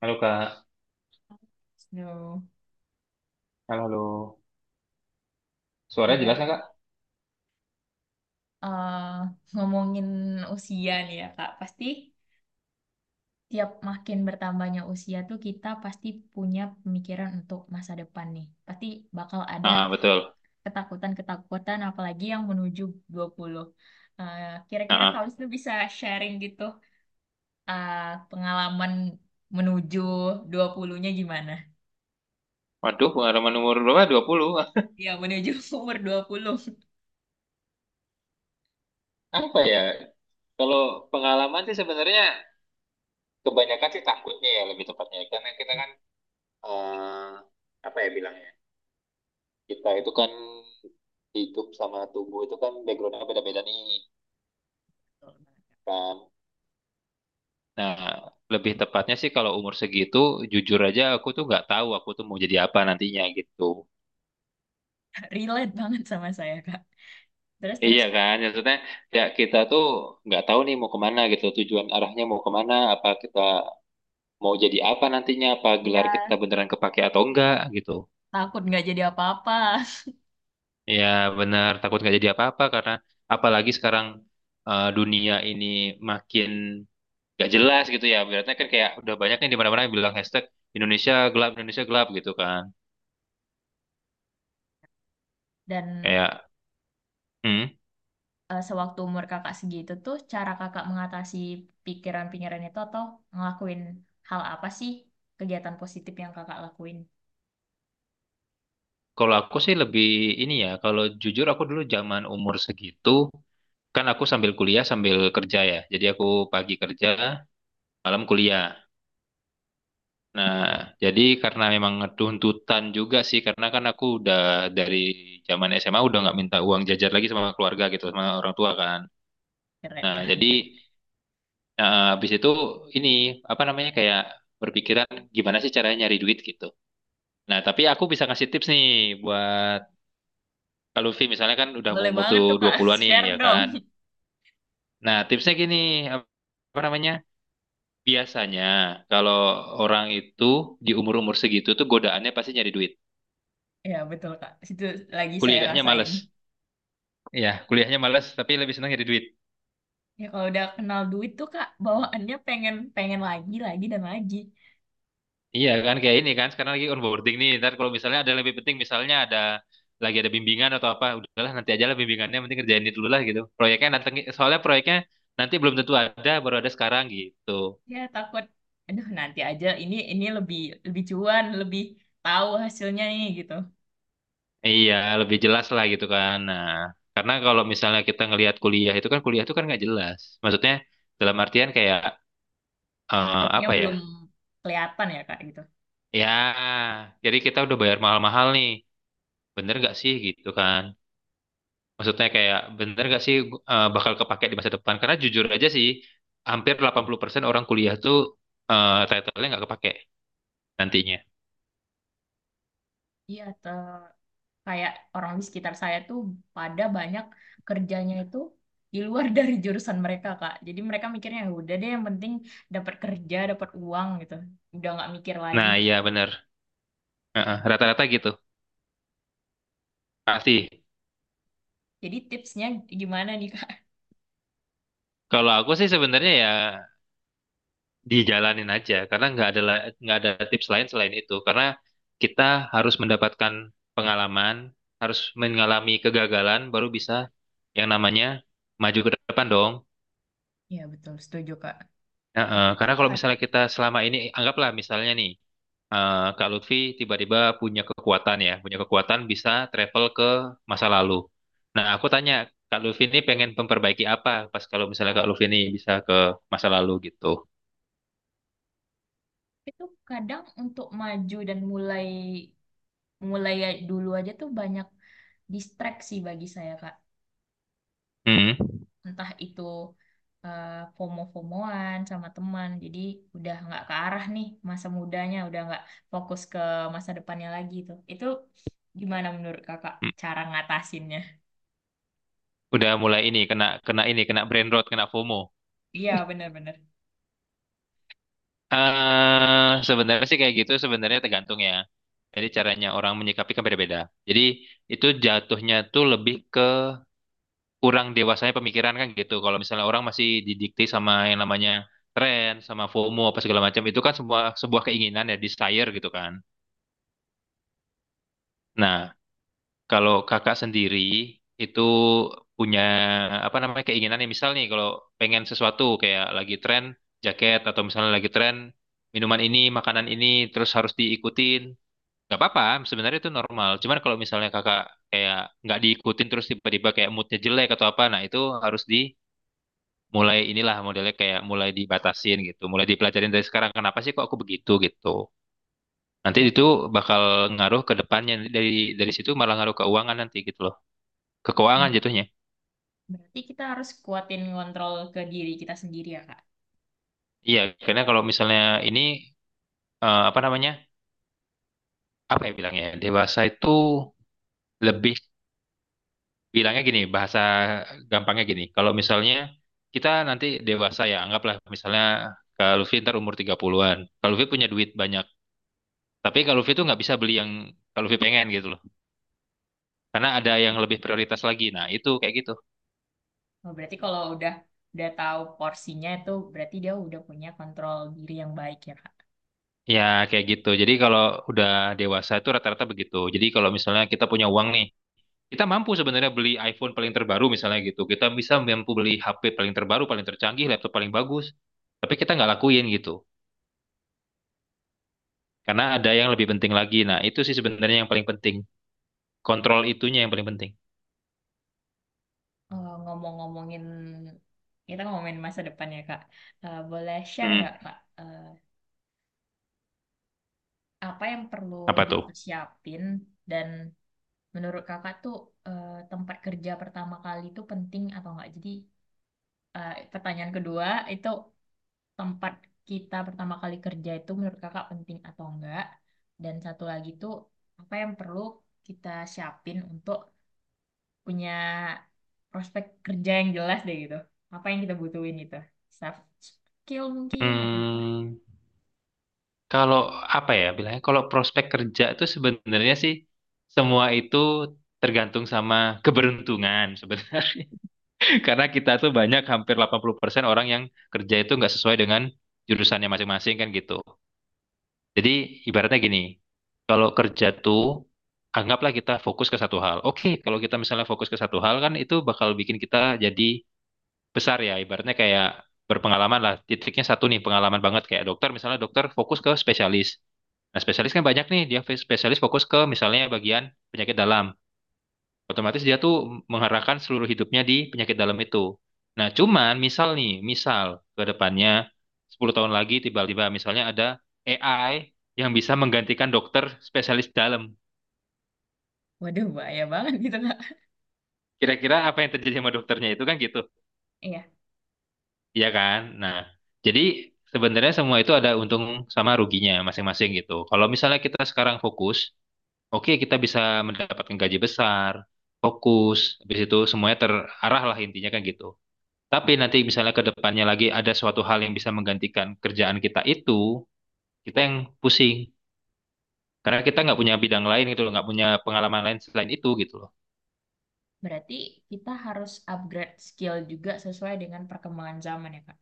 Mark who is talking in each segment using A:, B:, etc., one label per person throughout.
A: Halo Kak,
B: Aduh,
A: halo, halo. Suaranya jelas nggak
B: gimana?
A: Kak?
B: Eh, Ngomongin usia nih ya, Kak. Pasti tiap makin bertambahnya usia tuh kita pasti punya pemikiran untuk masa depan nih. Pasti bakal ada
A: Ah, betul.
B: ketakutan-ketakutan apalagi yang menuju 20. Kira-kira
A: Ah,
B: kalau
A: ah.
B: itu bisa sharing gitu, eh, pengalaman menuju 20-nya gimana?
A: Waduh, pengalaman umur berapa? Dua puluh,
B: Ya, menuju umur dua puluh.
A: apa ya? Kalau pengalaman sih sebenarnya kebanyakan sih takutnya ya lebih tepatnya. Karena kita kan, eh, apa ya bilangnya? Kita itu kan hidup sama tubuh itu kan backgroundnya beda-beda nih kan. Nah, lebih tepatnya sih kalau umur segitu, jujur aja aku tuh nggak tahu aku tuh mau jadi apa nantinya gitu.
B: Relate banget sama saya, Kak.
A: Iya
B: Terus-terus, Kak.
A: kan, maksudnya ya kita tuh nggak tahu nih mau kemana gitu, tujuan arahnya mau kemana, apa kita mau jadi apa nantinya, apa gelar
B: Ya,
A: kita beneran kepake atau enggak gitu.
B: takut nggak jadi apa-apa.
A: Ya benar, takut nggak jadi apa-apa karena apalagi sekarang dunia ini makin nggak jelas gitu ya. Berarti kan kayak udah banyak nih di mana-mana yang bilang hashtag Indonesia gelap gitu kan.
B: Dan
A: Kayak, hmm,
B: sewaktu umur Kakak segitu tuh, cara Kakak mengatasi pikiran-pikiran itu atau ngelakuin hal apa sih, kegiatan positif yang Kakak lakuin?
A: kalau aku sih lebih ini ya, kalau jujur aku dulu zaman umur segitu kan aku sambil kuliah sambil kerja ya. Jadi aku pagi kerja, malam kuliah. Nah, jadi karena memang tuntutan juga sih, karena kan aku udah dari zaman SMA udah nggak minta uang jajar lagi sama keluarga gitu, sama orang tua kan.
B: Keren,
A: Nah,
B: keren.
A: jadi
B: Keren.
A: habis itu ini apa namanya kayak berpikiran gimana sih caranya nyari duit gitu. Nah, tapi aku bisa ngasih tips nih buat kalau Luffy misalnya kan udah mau
B: Boleh
A: umur
B: banget
A: tuh
B: tuh Kak,
A: 20-an nih
B: share
A: ya
B: dong.
A: kan. Nah, tipsnya gini, apa namanya? Biasanya kalau orang itu di umur-umur segitu tuh godaannya pasti nyari duit.
B: Ya betul Kak, itu lagi saya
A: Kuliahnya
B: rasain.
A: males. Iya, kuliahnya males tapi lebih senang nyari duit.
B: Ya kalau udah kenal duit tuh Kak, bawaannya pengen pengen lagi dan lagi.
A: Iya kan kayak ini kan sekarang lagi onboarding nih. Ntar kalau misalnya ada yang lebih penting misalnya ada lagi ada bimbingan atau apa, udahlah nanti aja lah bimbingannya penting kerjain ini dulu lah gitu. Proyeknya nanti soalnya proyeknya nanti belum tentu ada baru ada sekarang gitu.
B: Ya takut, aduh nanti aja. Ini lebih lebih cuan, lebih tahu hasilnya nih gitu.
A: Iya, lebih jelas lah gitu kan. Nah, karena kalau misalnya kita ngelihat kuliah itu kan nggak jelas. Maksudnya dalam artian kayak
B: Outputnya
A: apa ya?
B: belum kelihatan ya Kak gitu.
A: Ya, jadi kita udah bayar mahal-mahal nih. Bener gak sih gitu kan? Maksudnya kayak bener gak sih bakal kepake di masa depan? Karena jujur aja sih, hampir 80% orang kuliah tuh title-nya nggak kepake nantinya.
B: Iya, kayak orang di sekitar saya tuh pada banyak kerjanya itu di luar dari jurusan mereka, Kak. Jadi mereka mikirnya, "Ya udah deh, yang penting dapat kerja, dapat uang gitu." Udah nggak mikir lagi.
A: Nah, iya bener. Heeh, rata-rata gitu. Pasti.
B: Jadi tipsnya gimana nih, Kak?
A: Kalau aku sih sebenarnya ya dijalanin aja karena nggak ada la- nggak ada tips lain selain itu karena kita harus mendapatkan pengalaman harus mengalami kegagalan baru bisa yang namanya maju ke depan dong.
B: Iya betul, setuju Kak.
A: Nah,
B: Tapi
A: karena kalau misalnya
B: terkadang
A: kita selama ini anggaplah misalnya nih Kak Lutfi tiba-tiba punya kekuatan ya punya kekuatan bisa travel ke masa lalu nah aku tanya Kak Lutfi ini pengen memperbaiki apa pas kalau misalnya Kak Lutfi ini bisa ke masa lalu gitu.
B: itu kadang untuk maju dan mulai, mulai dulu aja tuh banyak distraksi bagi saya, Kak.
A: Hmm. Hmm.
B: Entah itu eh, FOMO-FOMOan sama teman, jadi udah nggak ke arah nih, masa mudanya udah nggak fokus ke masa depannya lagi tuh. Itu gimana menurut Kakak cara ngatasinnya?
A: Udah mulai ini kena kena ini kena brain rot, kena FOMO.
B: Iya benar-benar.
A: Sebenarnya sih kayak gitu sebenarnya tergantung ya. Jadi caranya orang menyikapi kan beda-beda. Jadi itu jatuhnya tuh lebih ke kurang dewasanya pemikiran kan gitu. Kalau misalnya orang masih didikte sama yang namanya tren, sama FOMO apa segala macam itu kan sebuah sebuah keinginan ya, desire gitu kan. Nah, kalau kakak sendiri itu punya apa namanya keinginan yang misal nih kalau pengen sesuatu kayak lagi tren jaket atau misalnya lagi tren minuman ini, makanan ini terus harus diikutin. Gak apa-apa, sebenarnya itu normal. Cuman kalau misalnya kakak kayak nggak diikutin terus tiba-tiba kayak moodnya jelek atau apa, nah itu harus dimulai inilah modelnya kayak mulai dibatasin gitu, mulai dipelajarin dari sekarang. Kenapa sih kok aku begitu gitu? Nanti itu
B: Berarti,
A: bakal ngaruh ke depannya dari situ malah ngaruh keuangan nanti gitu ke keuangan
B: ber-
A: jatuhnya.
B: berarti kita harus kuatin ngontrol ke diri kita sendiri ya, Kak?
A: Iya, karena kalau misalnya ini apa namanya? Apa ya bilangnya? Dewasa itu lebih bilangnya gini, bahasa gampangnya gini. Kalau misalnya kita nanti dewasa ya, anggaplah misalnya Kak Luffy ntar umur 30-an. Kak Luffy punya duit banyak. Tapi Kak Luffy tuh nggak bisa beli yang Kak Luffy pengen gitu loh. Karena ada yang lebih prioritas lagi. Nah, itu kayak gitu.
B: Oh, berarti kalau udah, tahu porsinya, itu berarti dia udah punya kontrol diri yang baik ya, Kak?
A: Ya, kayak gitu. Jadi kalau udah dewasa itu rata-rata begitu. Jadi kalau misalnya kita punya uang nih, kita mampu sebenarnya beli iPhone paling terbaru misalnya gitu. Kita bisa mampu beli HP paling terbaru, paling tercanggih, laptop paling bagus. Tapi kita nggak lakuin gitu. Karena ada yang lebih penting lagi. Nah, itu sih sebenarnya yang paling penting. Kontrol itunya yang paling penting.
B: Ngomong-ngomongin, kita ngomongin masa depan ya, Kak. Boleh share nggak,
A: Hmm,
B: Kak? Apa yang perlu
A: apa tuh?
B: dipersiapin dan menurut Kakak tuh, tempat kerja pertama kali itu penting atau enggak? Jadi, pertanyaan kedua itu, tempat kita pertama kali kerja itu menurut Kakak penting atau enggak? Dan satu lagi tuh, apa yang perlu kita siapin untuk punya prospek kerja yang jelas deh gitu. Apa yang kita butuhin itu? Soft skill mungkin atau apa?
A: Hmm, kalau apa ya bilangnya? Kalau prospek kerja itu sebenarnya sih semua itu tergantung sama keberuntungan sebenarnya. Karena kita tuh banyak hampir 80% orang yang kerja itu nggak sesuai dengan jurusannya masing-masing kan gitu. Jadi ibaratnya gini, kalau kerja tuh anggaplah kita fokus ke satu hal. Oke, kalau kita misalnya fokus ke satu hal kan itu bakal bikin kita jadi besar ya. Ibaratnya kayak berpengalaman lah. Titiknya satu nih pengalaman banget kayak dokter misalnya dokter fokus ke spesialis. Nah, spesialis kan banyak nih, dia spesialis fokus ke misalnya bagian penyakit dalam. Otomatis dia tuh mengarahkan seluruh hidupnya di penyakit dalam itu. Nah, cuman misal nih, misal ke depannya 10 tahun lagi tiba-tiba misalnya ada AI yang bisa menggantikan dokter spesialis dalam.
B: Waduh, bahaya banget gitu, Kak.
A: Kira-kira apa yang terjadi sama dokternya itu kan gitu.
B: Iya.
A: Iya kan? Nah, jadi sebenarnya semua itu ada untung sama ruginya masing-masing gitu. Kalau misalnya kita sekarang fokus, oke kita bisa mendapatkan gaji besar, fokus, habis itu semuanya terarah lah intinya kan gitu. Tapi nanti misalnya ke depannya lagi ada suatu hal yang bisa menggantikan kerjaan kita itu, kita yang pusing. Karena kita nggak punya bidang lain gitu loh, nggak punya pengalaman lain selain itu gitu loh.
B: Berarti kita harus upgrade skill juga sesuai dengan perkembangan zaman ya, Kak.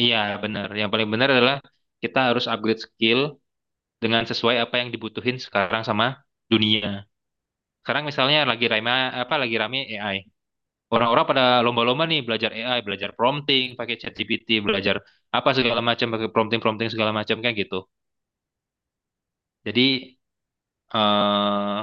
A: Iya benar. Yang paling benar adalah kita harus upgrade skill dengan sesuai apa yang dibutuhin sekarang sama dunia. Sekarang misalnya lagi rame apa lagi rame AI. Orang-orang pada lomba-lomba nih belajar AI, belajar prompting, pakai ChatGPT, belajar apa segala macam, pakai prompting-prompting segala macam kayak gitu. Jadi eh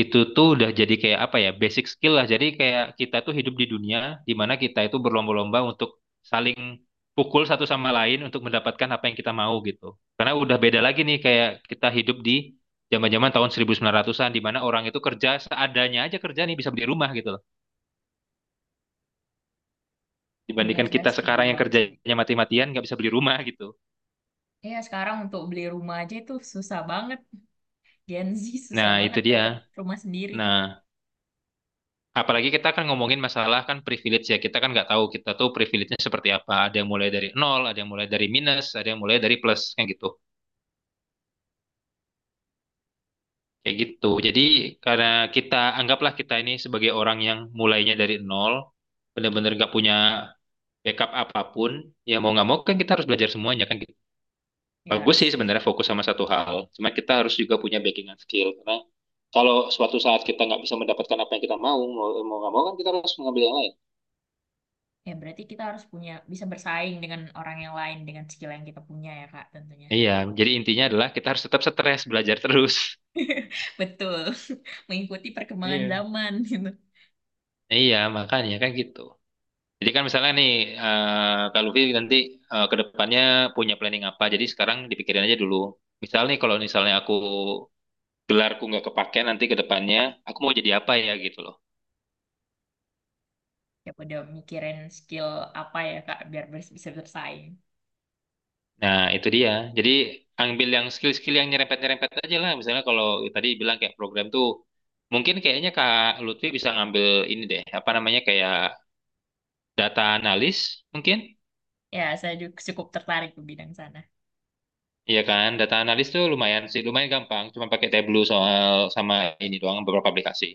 A: itu tuh udah jadi kayak apa ya basic skill lah jadi kayak kita tuh hidup di dunia di mana kita itu berlomba-lomba untuk saling pukul satu sama lain untuk mendapatkan apa yang kita mau gitu karena udah beda lagi nih kayak kita hidup di zaman-zaman tahun 1900-an di mana orang itu kerja seadanya aja kerja nih bisa beli rumah gitu loh
B: Benar,
A: dibandingkan
B: saya
A: kita
B: setuju
A: sekarang yang
B: banget sih.
A: kerjanya mati-matian nggak bisa beli rumah gitu.
B: Iya, sekarang untuk beli rumah aja itu susah banget. Gen Z susah
A: Nah itu
B: banget
A: dia.
B: dapat rumah sendiri.
A: Nah, apalagi kita kan ngomongin masalah kan privilege ya. Kita kan nggak tahu kita tuh privilege-nya seperti apa. Ada yang mulai dari nol, ada yang mulai dari minus, ada yang mulai dari plus, kayak gitu. Kayak gitu. Jadi karena kita anggaplah kita ini sebagai orang yang mulainya dari nol, benar-benar nggak punya backup apapun, ya mau nggak mau kan kita harus belajar semuanya kan gitu.
B: Ya
A: Bagus
B: harus.
A: sih sebenarnya fokus sama satu hal. Cuma kita harus juga punya backingan skill karena kalau suatu saat kita nggak bisa mendapatkan apa yang kita mau, mau nggak mau kan kita harus mengambil yang lain.
B: Ya berarti kita harus punya, bisa bersaing dengan orang yang lain dengan skill yang kita punya ya, Kak, tentunya.
A: Iya, jadi intinya adalah kita harus tetap stres, belajar terus.
B: Betul. Mengikuti perkembangan
A: Iya.
B: zaman gitu.
A: Iya, makanya kan gitu. Jadi kan misalnya nih, eh Kak Luffy nanti ke depannya punya planning apa, jadi sekarang dipikirin aja dulu. Misal nih kalau misalnya aku gelarku nggak kepake nanti ke depannya, aku mau jadi apa ya gitu loh.
B: Ya udah, mikirin skill apa ya, Kak, biar bisa bersaing.
A: Nah, itu dia. Jadi ambil yang skill-skill yang nyerempet-nyerempet aja lah. Misalnya kalau tadi bilang kayak program tuh, mungkin kayaknya Kak Lutfi bisa ngambil ini deh, apa namanya kayak data analis mungkin.
B: Ya, saya juga cukup tertarik ke bidang sana.
A: Iya kan, data analis tuh lumayan sih, lumayan gampang. Cuma pakai Tableau soal sama ini doang beberapa aplikasi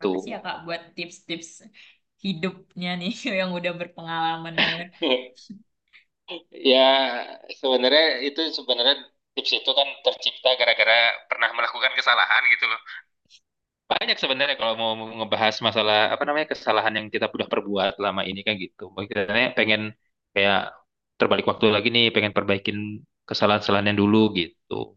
B: Makasih ya, Kak, buat tips-tips hidupnya nih yang udah berpengalaman banget.
A: Ya, sebenarnya itu sebenarnya tips itu kan tercipta gara-gara pernah melakukan kesalahan gitu loh. Banyak sebenarnya kalau mau ngebahas masalah apa namanya kesalahan yang kita sudah perbuat lama ini kan gitu. Makanya pengen kayak terbalik waktu lagi nih, pengen perbaikin kesalahan-kesalahan yang dulu gitu.